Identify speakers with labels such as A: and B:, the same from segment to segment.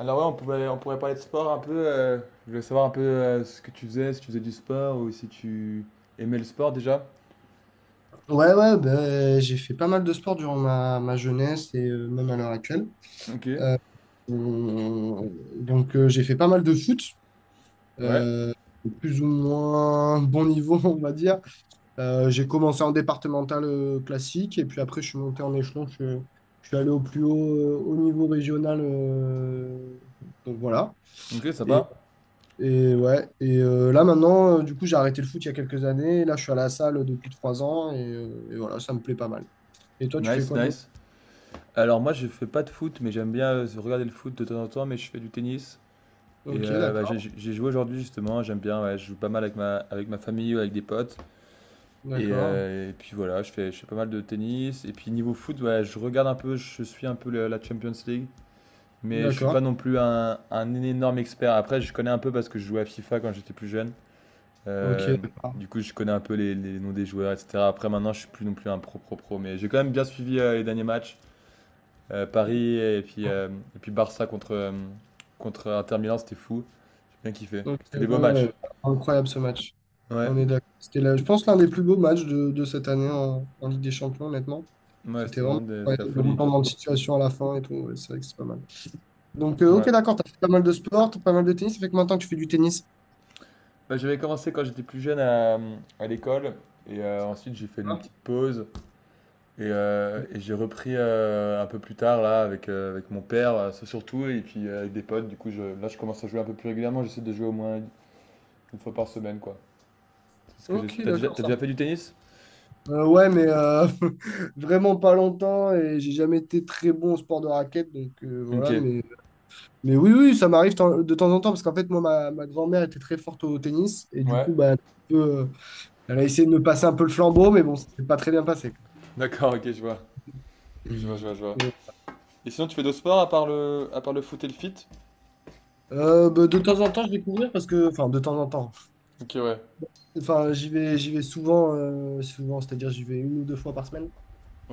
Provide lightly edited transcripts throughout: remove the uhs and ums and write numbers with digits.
A: Alors ouais, on pourrait parler de sport un peu. Je voulais savoir un peu, ce que tu faisais, si tu faisais du sport ou si tu aimais le sport déjà.
B: Ouais, ouais, ben, j'ai fait pas mal de sport durant ma jeunesse et même à l'heure actuelle.
A: Ok,
B: Euh, on- donc, j'ai fait pas mal de foot,
A: ouais.
B: euh, plus ou moins bon niveau, on va dire. J'ai commencé en départemental classique et puis après, je suis monté en échelon. Je suis allé au plus haut, au niveau régional. Donc, voilà.
A: Ok,
B: Et,
A: sympa.
B: et ouais, et là, maintenant, du coup, j'ai arrêté le foot il y a quelques années. Là, je suis à la salle depuis 3 ans et voilà, ça me plaît pas mal. Et toi, tu fais
A: Nice,
B: quoi de beau?
A: nice. Alors moi, je fais pas de foot, mais j'aime bien regarder le foot de temps en temps, mais je fais du tennis. Et
B: Ok,
A: bah, j'ai
B: d'accord,
A: j'ai joué aujourd'hui justement, j'aime bien, ouais, je joue pas mal avec ma, famille ou avec des potes. Et,
B: d'accord,
A: euh, et puis voilà, je fais pas mal de tennis. Et puis niveau foot, ouais, je regarde un peu, je suis un peu la Champions League. Mais je suis
B: d'accord,
A: pas non plus un énorme expert. Après, je connais un peu parce que je jouais à FIFA quand j'étais plus jeune.
B: ok,
A: Euh,
B: d'accord.
A: du coup, je connais un peu les noms des joueurs, etc. Après, maintenant, je suis plus non plus un pro pro pro. Mais j'ai quand même bien suivi les derniers matchs. Paris et puis Barça contre Inter Milan, c'était fou. J'ai bien kiffé.
B: Ok,
A: C'était
B: ouais,
A: des beaux
B: ouais,
A: matchs.
B: ouais, incroyable ce match. On
A: Ouais,
B: est d'accord. C'était là, je pense l'un des plus beaux matchs de cette année en Ligue des Champions, honnêtement.
A: ouais, c'était
B: C'était
A: vraiment
B: vraiment
A: c'était la
B: incroyable, le
A: folie.
B: retournement de situation à la fin et tout. Ouais, c'est vrai que c'est pas mal. Donc, ok,
A: Ouais.
B: d'accord, t'as fait pas mal de sport, t'as pas mal de tennis. Ça fait que maintenant que tu fais du tennis.
A: Bah, j'avais commencé quand j'étais plus jeune à l'école. Et ensuite, j'ai fait une
B: Hein.
A: petite pause. Et j'ai repris, un peu plus tard là avec mon père, ça surtout et puis, avec des potes du coup je là je commence à jouer un peu plus régulièrement, j'essaie de jouer au moins une fois par semaine, quoi. C'est ce que j'essa
B: Ok,
A: tu déjà
B: d'accord,
A: T'as
B: ça.
A: déjà fait du tennis?
B: Ouais, mais vraiment pas longtemps et j'ai jamais été très bon au sport de raquette, donc voilà,
A: OK.
B: mais oui, oui, ça m'arrive de temps en temps, parce qu'en fait, moi, ma grand-mère était très forte au tennis, et du
A: Ouais,
B: coup, bah, un peu, elle a essayé de me passer un peu le flambeau, mais bon, ça s'est pas très bien passé.
A: d'accord, OK, je vois. Je vois,
B: Hmm.
A: je vois, je vois.
B: Mais,
A: Et sinon tu fais d'autres sports à part le foot et le fit?
B: bah, de temps en temps, je vais courir, parce que, enfin, de temps en temps,
A: OK, ouais.
B: enfin, j'y vais souvent, c'est-à-dire, j'y vais une ou deux fois par semaine.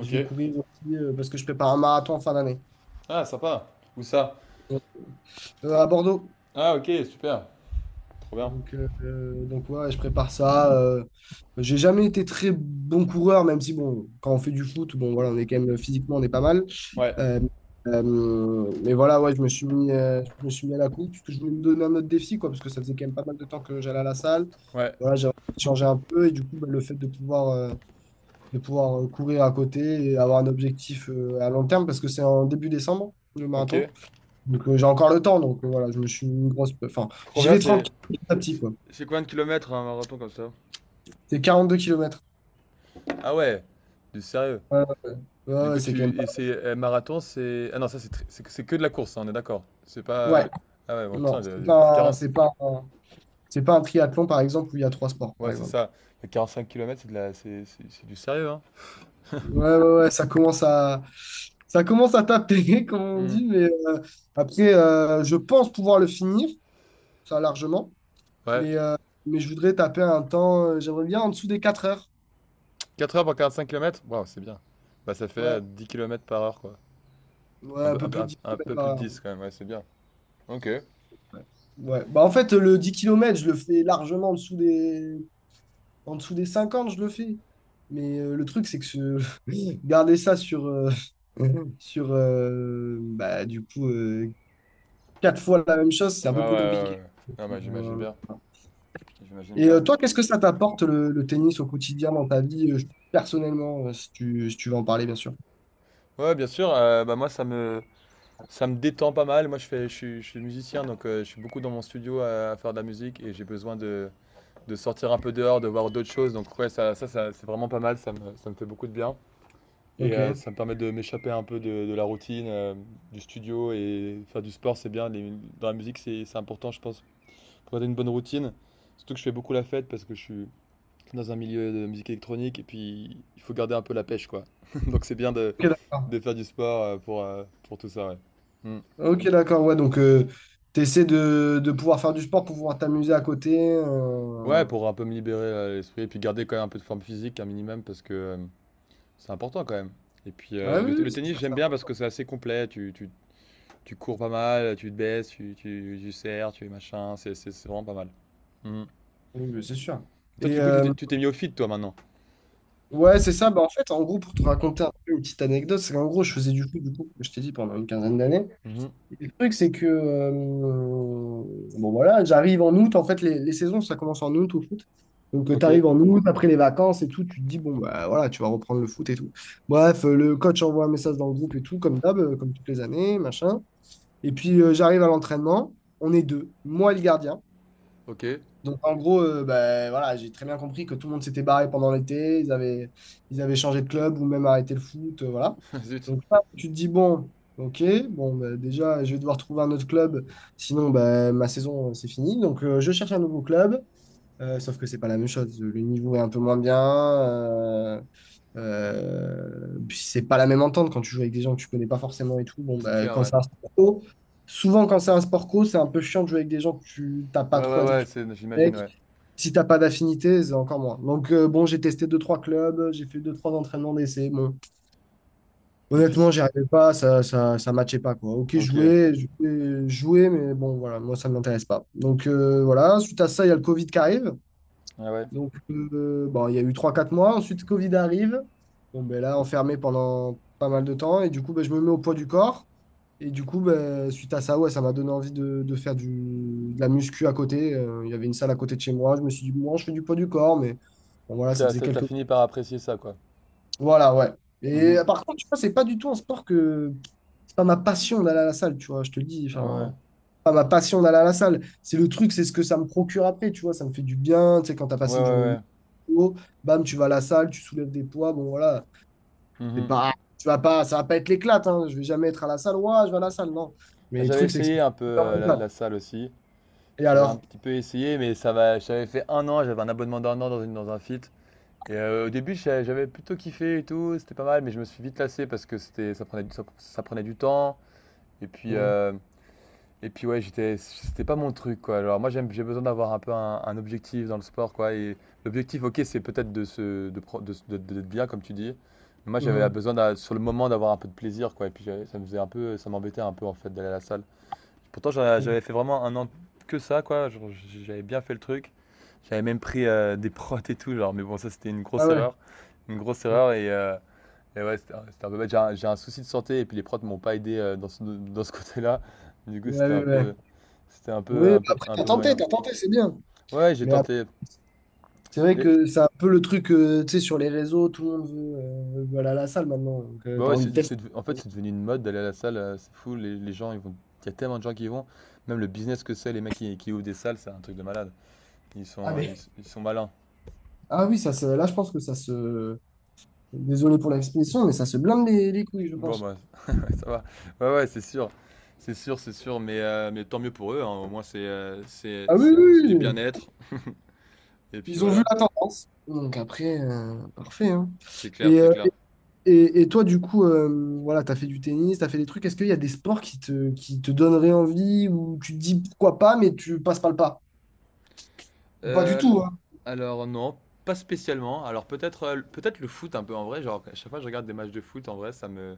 B: Je vais courir aussi, parce que je prépare un marathon en fin d'année,
A: Ah, sympa. Où ça?
B: à Bordeaux.
A: Ah, OK, super. Trop bien.
B: Donc ouais, je prépare ça. J'ai jamais été très bon coureur, même si, bon, quand on fait du foot, bon, voilà, on est quand même physiquement, on est pas mal.
A: Ouais.
B: Euh, mais voilà, ouais, je me suis mis, je me suis mis à la course parce que je voulais me donner un autre défi, quoi, parce que ça faisait quand même pas mal de temps que j'allais à la salle.
A: Ouais.
B: Voilà, j'ai changé un peu et du coup, bah, le fait de pouvoir courir à côté et avoir un objectif à long terme, parce que c'est en début décembre, le
A: OK.
B: marathon. Donc, j'ai encore le temps. Donc, voilà, je me suis mis une grosse. Enfin,
A: Trop
B: j'y
A: bien,
B: vais tranquille petit à petit,
A: c'est
B: quoi.
A: c'est combien de kilomètres un marathon comme ça?
B: C'est 42 km.
A: Ah ouais! Du sérieux?
B: Ouais, ouais, ouais,
A: Du
B: ouais,
A: coup,
B: c'est quand même
A: tu
B: pas.
A: et c'est marathon, c'est, ah non, ça c'est c'est que de la course, hein, on est d'accord. C'est pas
B: Ouais,
A: ah ouais, bon,
B: non,
A: putain, c'est 40,
B: c'est pas un triathlon, par exemple, où il y a trois sports, par
A: ouais, c'est
B: exemple.
A: ça. Mais quarante-cinq kilomètres, c'est de la c'est du sérieux, hein.
B: Ouais, ouais, ouais, ça commence à taper, comme on
A: Hmm.
B: dit, mais après, je pense pouvoir le finir, ça largement,
A: Ouais,
B: mais, euh, mais je voudrais taper un temps, j'aimerais bien en dessous des 4 heures.
A: 4 heures pour 45 km, waouh, c'est bien. Bah ça fait
B: Ouais,
A: 10 km par heure, quoi.
B: ouais,
A: Un
B: un
A: peu
B: peu
A: un, peu
B: plus de
A: un-
B: 10
A: un
B: kilomètres
A: peu
B: par
A: plus de
B: heure.
A: 10 quand même, ouais, c'est bien. Ok. Ouais,
B: Ouais. Ouais. Bah, en fait, le 10 kilomètres je le fais largement en dessous des 50 je le fais. Mais le truc, c'est que garder ça sur bah, du coup, 4 fois la même chose, c'est
A: ouais,
B: un
A: ouais.
B: peu plus compliqué.
A: Ouais. Non mais j'imagine
B: Euh,
A: bien, j'imagine
B: Et
A: bien.
B: toi, qu'est-ce que ça t'apporte le tennis au quotidien dans ta vie, personnellement, si tu veux en parler, bien sûr.
A: Ouais, bien sûr, bah moi, ça me détend pas mal. Moi, je suis musicien donc je suis beaucoup dans mon studio à faire de la musique et j'ai besoin de sortir un peu dehors, de voir d'autres choses. Donc ouais, ça, c'est vraiment pas mal, ça me fait beaucoup de bien. Et
B: Ok.
A: ça me permet de m'échapper un peu de la routine, du studio, et faire du sport, c'est bien. Dans la musique, c'est important, je pense, pour garder une bonne routine. Surtout que je fais beaucoup la fête parce que je suis dans un milieu de musique électronique et puis il faut garder un peu la pêche, quoi. Donc c'est bien
B: Ok, d'accord.
A: de faire du sport, pour tout ça, ouais. Mm.
B: Ok, d'accord. Ouais, donc tu essaies de pouvoir faire du sport pour pouvoir t'amuser à côté.
A: Ouais,
B: euh.
A: pour un peu me libérer l'esprit et puis garder quand même un peu de forme physique, un minimum, parce que c'est important quand même. Et puis
B: Ah
A: le,
B: oui,
A: t-
B: oui,
A: le
B: c'est
A: tennis,
B: sûr
A: j'aime
B: ça.
A: bien parce que c'est assez complet. Tu cours pas mal, tu te baisses, tu serres, tu es machin. C'est vraiment pas mal. Mhm.
B: Oui, oui, c'est sûr.
A: Toi,
B: Et
A: du coup, tu t'es tu t'es mis au fit, toi, maintenant.
B: ouais, c'est ça. Bah, en fait, en gros, pour te raconter un peu une petite anecdote, c'est qu'en gros, je faisais du foot, du coup, comme je t'ai dit, pendant une quinzaine d'années.
A: Mhm.
B: Et le truc, c'est que, bon voilà, j'arrive en août. En fait, les saisons, ça commence en août au foot. Donc,
A: Ok.
B: tu arrives en août, après les vacances et tout, tu te dis, bon, bah voilà, tu vas reprendre le foot et tout. Bref, le coach envoie un message dans le groupe et tout, comme d'hab, comme toutes les années, machin. Et puis, j'arrive à l'entraînement. On est deux. Moi, et le gardien.
A: Ok,
B: Donc, en gros, ben, voilà, j'ai très bien compris que tout le monde s'était barré pendant l'été, ils avaient changé de club ou même arrêté le foot, voilà.
A: zut,
B: Donc là, tu te dis, bon, ok, bon, ben, déjà, je vais devoir trouver un autre club, sinon ben, ma saison, c'est fini. Donc, je cherche un nouveau club, sauf que c'est pas la même chose. Le niveau est un peu moins bien, puis c'est pas la même entente quand tu joues avec des gens que tu connais pas forcément et tout. Bon,
A: c'est
B: ben,
A: clair,
B: quand
A: ouais.
B: c'est un sport co, souvent quand c'est un sport co, c'est un peu chiant de jouer avec des gens que tu t'as pas
A: Ouais,
B: trop
A: ouais, ouais,
B: l'habitude.
A: c'est, j'imagine,
B: Avec.
A: ouais.
B: Si t'as pas d'affinité, c'est encore moins. Donc bon, j'ai testé deux, trois clubs, j'ai fait deux, trois entraînements d'essai. Bon,
A: Et puis,
B: honnêtement, j'y arrivais pas, ça matchait pas, quoi. Ok,
A: ok, ouais,
B: jouer, jouer, jouer, mais bon, voilà, moi, ça m'intéresse pas. Donc voilà, suite à ça, il y a le Covid qui arrive.
A: ouais.
B: Donc bon, il y a eu trois, quatre mois. Ensuite, Covid arrive. Bon, ben là, enfermé pendant pas mal de temps. Et du coup, ben, je me mets au poids du corps. Et du coup, ben, suite à ça, ouais, ça m'a donné envie de faire du, de la muscu à côté. Il y avait une salle à côté de chez moi. Je me suis dit, bon, je fais du poids du corps, mais bon, voilà, ça
A: Putain,
B: faisait
A: ça, t'as
B: quelques.
A: fini par apprécier ça, quoi.
B: Voilà, ouais. Et
A: Mhm.
B: par contre, tu vois, c'est pas du tout un sport que. C'est pas ma passion d'aller à la salle, tu vois, je te le dis.
A: Ouais,
B: Enfin, c'est pas ma passion d'aller à la salle. C'est le truc, c'est ce que ça me procure après, tu vois, ça me fait du bien. Tu sais, quand t'as
A: ouais, ouais,
B: passé une journée de
A: ouais.
B: boulot, bam, tu vas à la salle, tu soulèves des poids, bon, voilà. C'est
A: Mhm.
B: pas, tu vas pas, ça va pas être l'éclate, hein. Je vais jamais être à la salle. Ouais, je vais à la salle, non.
A: Ah,
B: Mais le
A: j'avais
B: truc, c'est que c'est
A: essayé un peu
B: pas
A: la,
B: l'éclate.
A: la salle aussi.
B: Et
A: J'avais un
B: alors?
A: petit peu essayé, mais ça va. J'avais fait un an, j'avais un abonnement d'un an dans un fit. Et au début, j'avais plutôt kiffé et tout, c'était pas mal, mais je me suis vite lassé parce que c'était, ça prenait, du- ça prenait du temps. Et puis,
B: Mhm.
A: euh, et puis ouais, c'était pas mon truc, quoi. Alors moi, j'ai besoin d'avoir un peu un objectif dans le sport, quoi. Et l'objectif, ok, c'est peut-être de se, de, pro- de- d'être bien, comme tu dis. Mais moi, j'avais besoin, sur le moment, d'avoir un peu de plaisir, quoi. Et puis, ça m'embêtait un peu, en fait, d'aller à la salle. Pourtant,
B: Mhm.
A: j'avais fait vraiment un an que ça, quoi. J'avais bien fait le truc. J'avais même pris des prods et tout, genre. Mais bon, ça, c'était une
B: Ah
A: grosse
B: ouais.
A: erreur. Une grosse
B: Mmh.
A: erreur. Et ouais, c'était un peu bête. J'ai un souci de santé et puis les prods ne m'ont pas aidé dans ce côté-là. Du coup,
B: Ouais, ouais, ouais.
A: c'était un
B: Oui,
A: peu,
B: bah
A: un peu,
B: après,
A: un
B: t'as
A: peu
B: tenté,
A: moyen.
B: t'as tenté, c'est bien.
A: Ouais, j'ai
B: Mais après,
A: tenté.
B: c'est vrai
A: Mais
B: que c'est un peu le truc, tu sais, sur les réseaux, tout le monde veut aller à la salle maintenant. Donc,
A: bah
B: t'as
A: ouais,
B: envie de
A: c'est
B: tester.
A: en fait, c'est devenu une mode d'aller à la salle. C'est fou. Les gens, ils vont. Il y a tellement de gens qui y vont. Même le business que c'est, les mecs qui ouvrent des salles, c'est un truc de malade. Ils
B: Ah,
A: sont, ils
B: mais,
A: ils sont malins.
B: ah oui, ça se, là, je pense que ça se. Désolé pour l'expression, mais ça se blinde les couilles, je
A: Bon
B: pense.
A: bah, ça va. Ouais, ouais, c'est sûr. C'est sûr, c'est sûr, mais tant mieux pour eux, hein. Au moins, c'est, heu, c'est
B: Ah oui,
A: c'est c'est du
B: oui. Oui.
A: bien-être et puis
B: Ils ont vu
A: voilà.
B: la tendance. Donc après, parfait. Hein.
A: C'est clair,
B: Et,
A: c'est
B: euh,
A: clair.
B: et, et toi, du coup, voilà, tu as fait du tennis, tu as fait des trucs. Est-ce qu'il y a des sports qui te donneraient envie ou tu te dis pourquoi pas, mais tu passes pas le pas? Pas du
A: Heu,
B: tout, hein.
A: alors non, pas spécialement. Alors peut-être le foot un peu en vrai, genre à chaque fois que je regarde des matchs de foot en vrai, ça me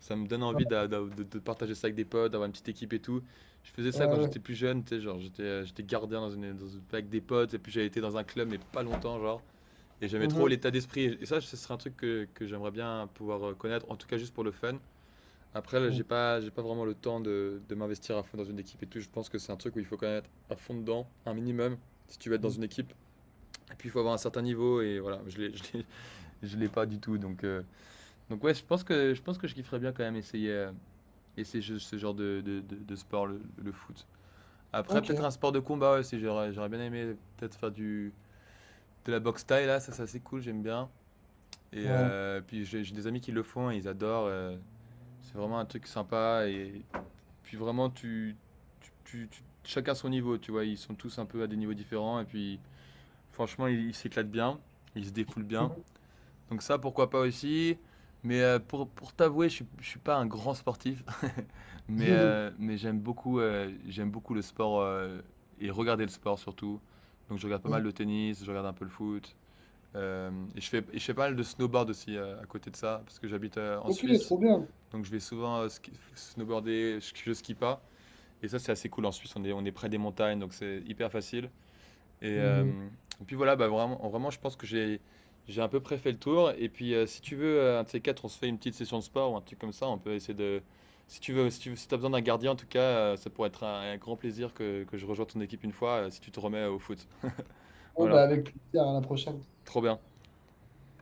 A: ça me donne envie d'a d'a de partager ça avec des potes, d'avoir une petite équipe et tout. Je faisais ça quand
B: Ouais, ouais.
A: j'étais plus jeune, tu sais, genre j'étais gardien dans une avec des potes, et puis j'avais été dans un club mais pas longtemps, genre. Et j'aimais trop
B: Mhm.
A: l'état d'esprit. Et ça, ce serait un truc que j'aimerais bien pouvoir connaître, en tout cas juste pour le fun. Après, là, j'ai
B: Mhm.
A: pas, j'ai pas vraiment le temps de m'investir à fond dans une équipe et tout. Je pense que c'est un truc où il faut connaître à fond dedans, un minimum, si tu veux être dans
B: Mhm.
A: une équipe. Et puis, il faut avoir un certain niveau. Et voilà, je l'ai pas du tout. Donc ouais, je pense que je kifferais bien quand même essayer ce genre de sport, le foot. Après,
B: Ok,
A: peut-être un sport de combat aussi. J'aurais bien aimé peut-être faire de la boxe taille là. Ça, c'est assez cool. J'aime bien. Et
B: ouais.
A: puis j'ai des amis qui le font et ils adorent. C'est vraiment un truc sympa. Et puis vraiment, chacun son niveau, tu vois. Ils sont tous un peu à des niveaux différents. Et puis franchement, ils s'éclatent bien. Ils se défoulent bien. Donc ça, pourquoi pas aussi. Mais pour t'avouer, je suis pas un grand sportif. mais
B: Mhm.
A: euh, mais j'aime beaucoup le sport, et regarder le sport surtout. Donc je regarde pas mal
B: Mhm.
A: de tennis, je regarde un peu le foot. Et, et je fais pas mal de snowboard aussi, à côté de ça, parce que j'habite en
B: Ok,
A: Suisse.
B: trop bien.
A: Donc je vais souvent snowboarder, je skie pas. Et ça, c'est assez cool en Suisse. On est près des montagnes, donc c'est hyper facile. Et,
B: Mhm.
A: euh, et puis voilà, bah, vraiment, vraiment, je pense que j'ai à peu près fait le tour. Et puis si tu veux, un de ces quatre, on se fait une petite session de sport ou un truc comme ça. On peut essayer de. Si tu veux, si tu as besoin d'un gardien, en tout cas, ça pourrait être un grand plaisir que je rejoigne ton équipe une fois, si tu te remets au foot.
B: Ouais, bah
A: Voilà,
B: avec plaisir, à la prochaine.
A: trop bien.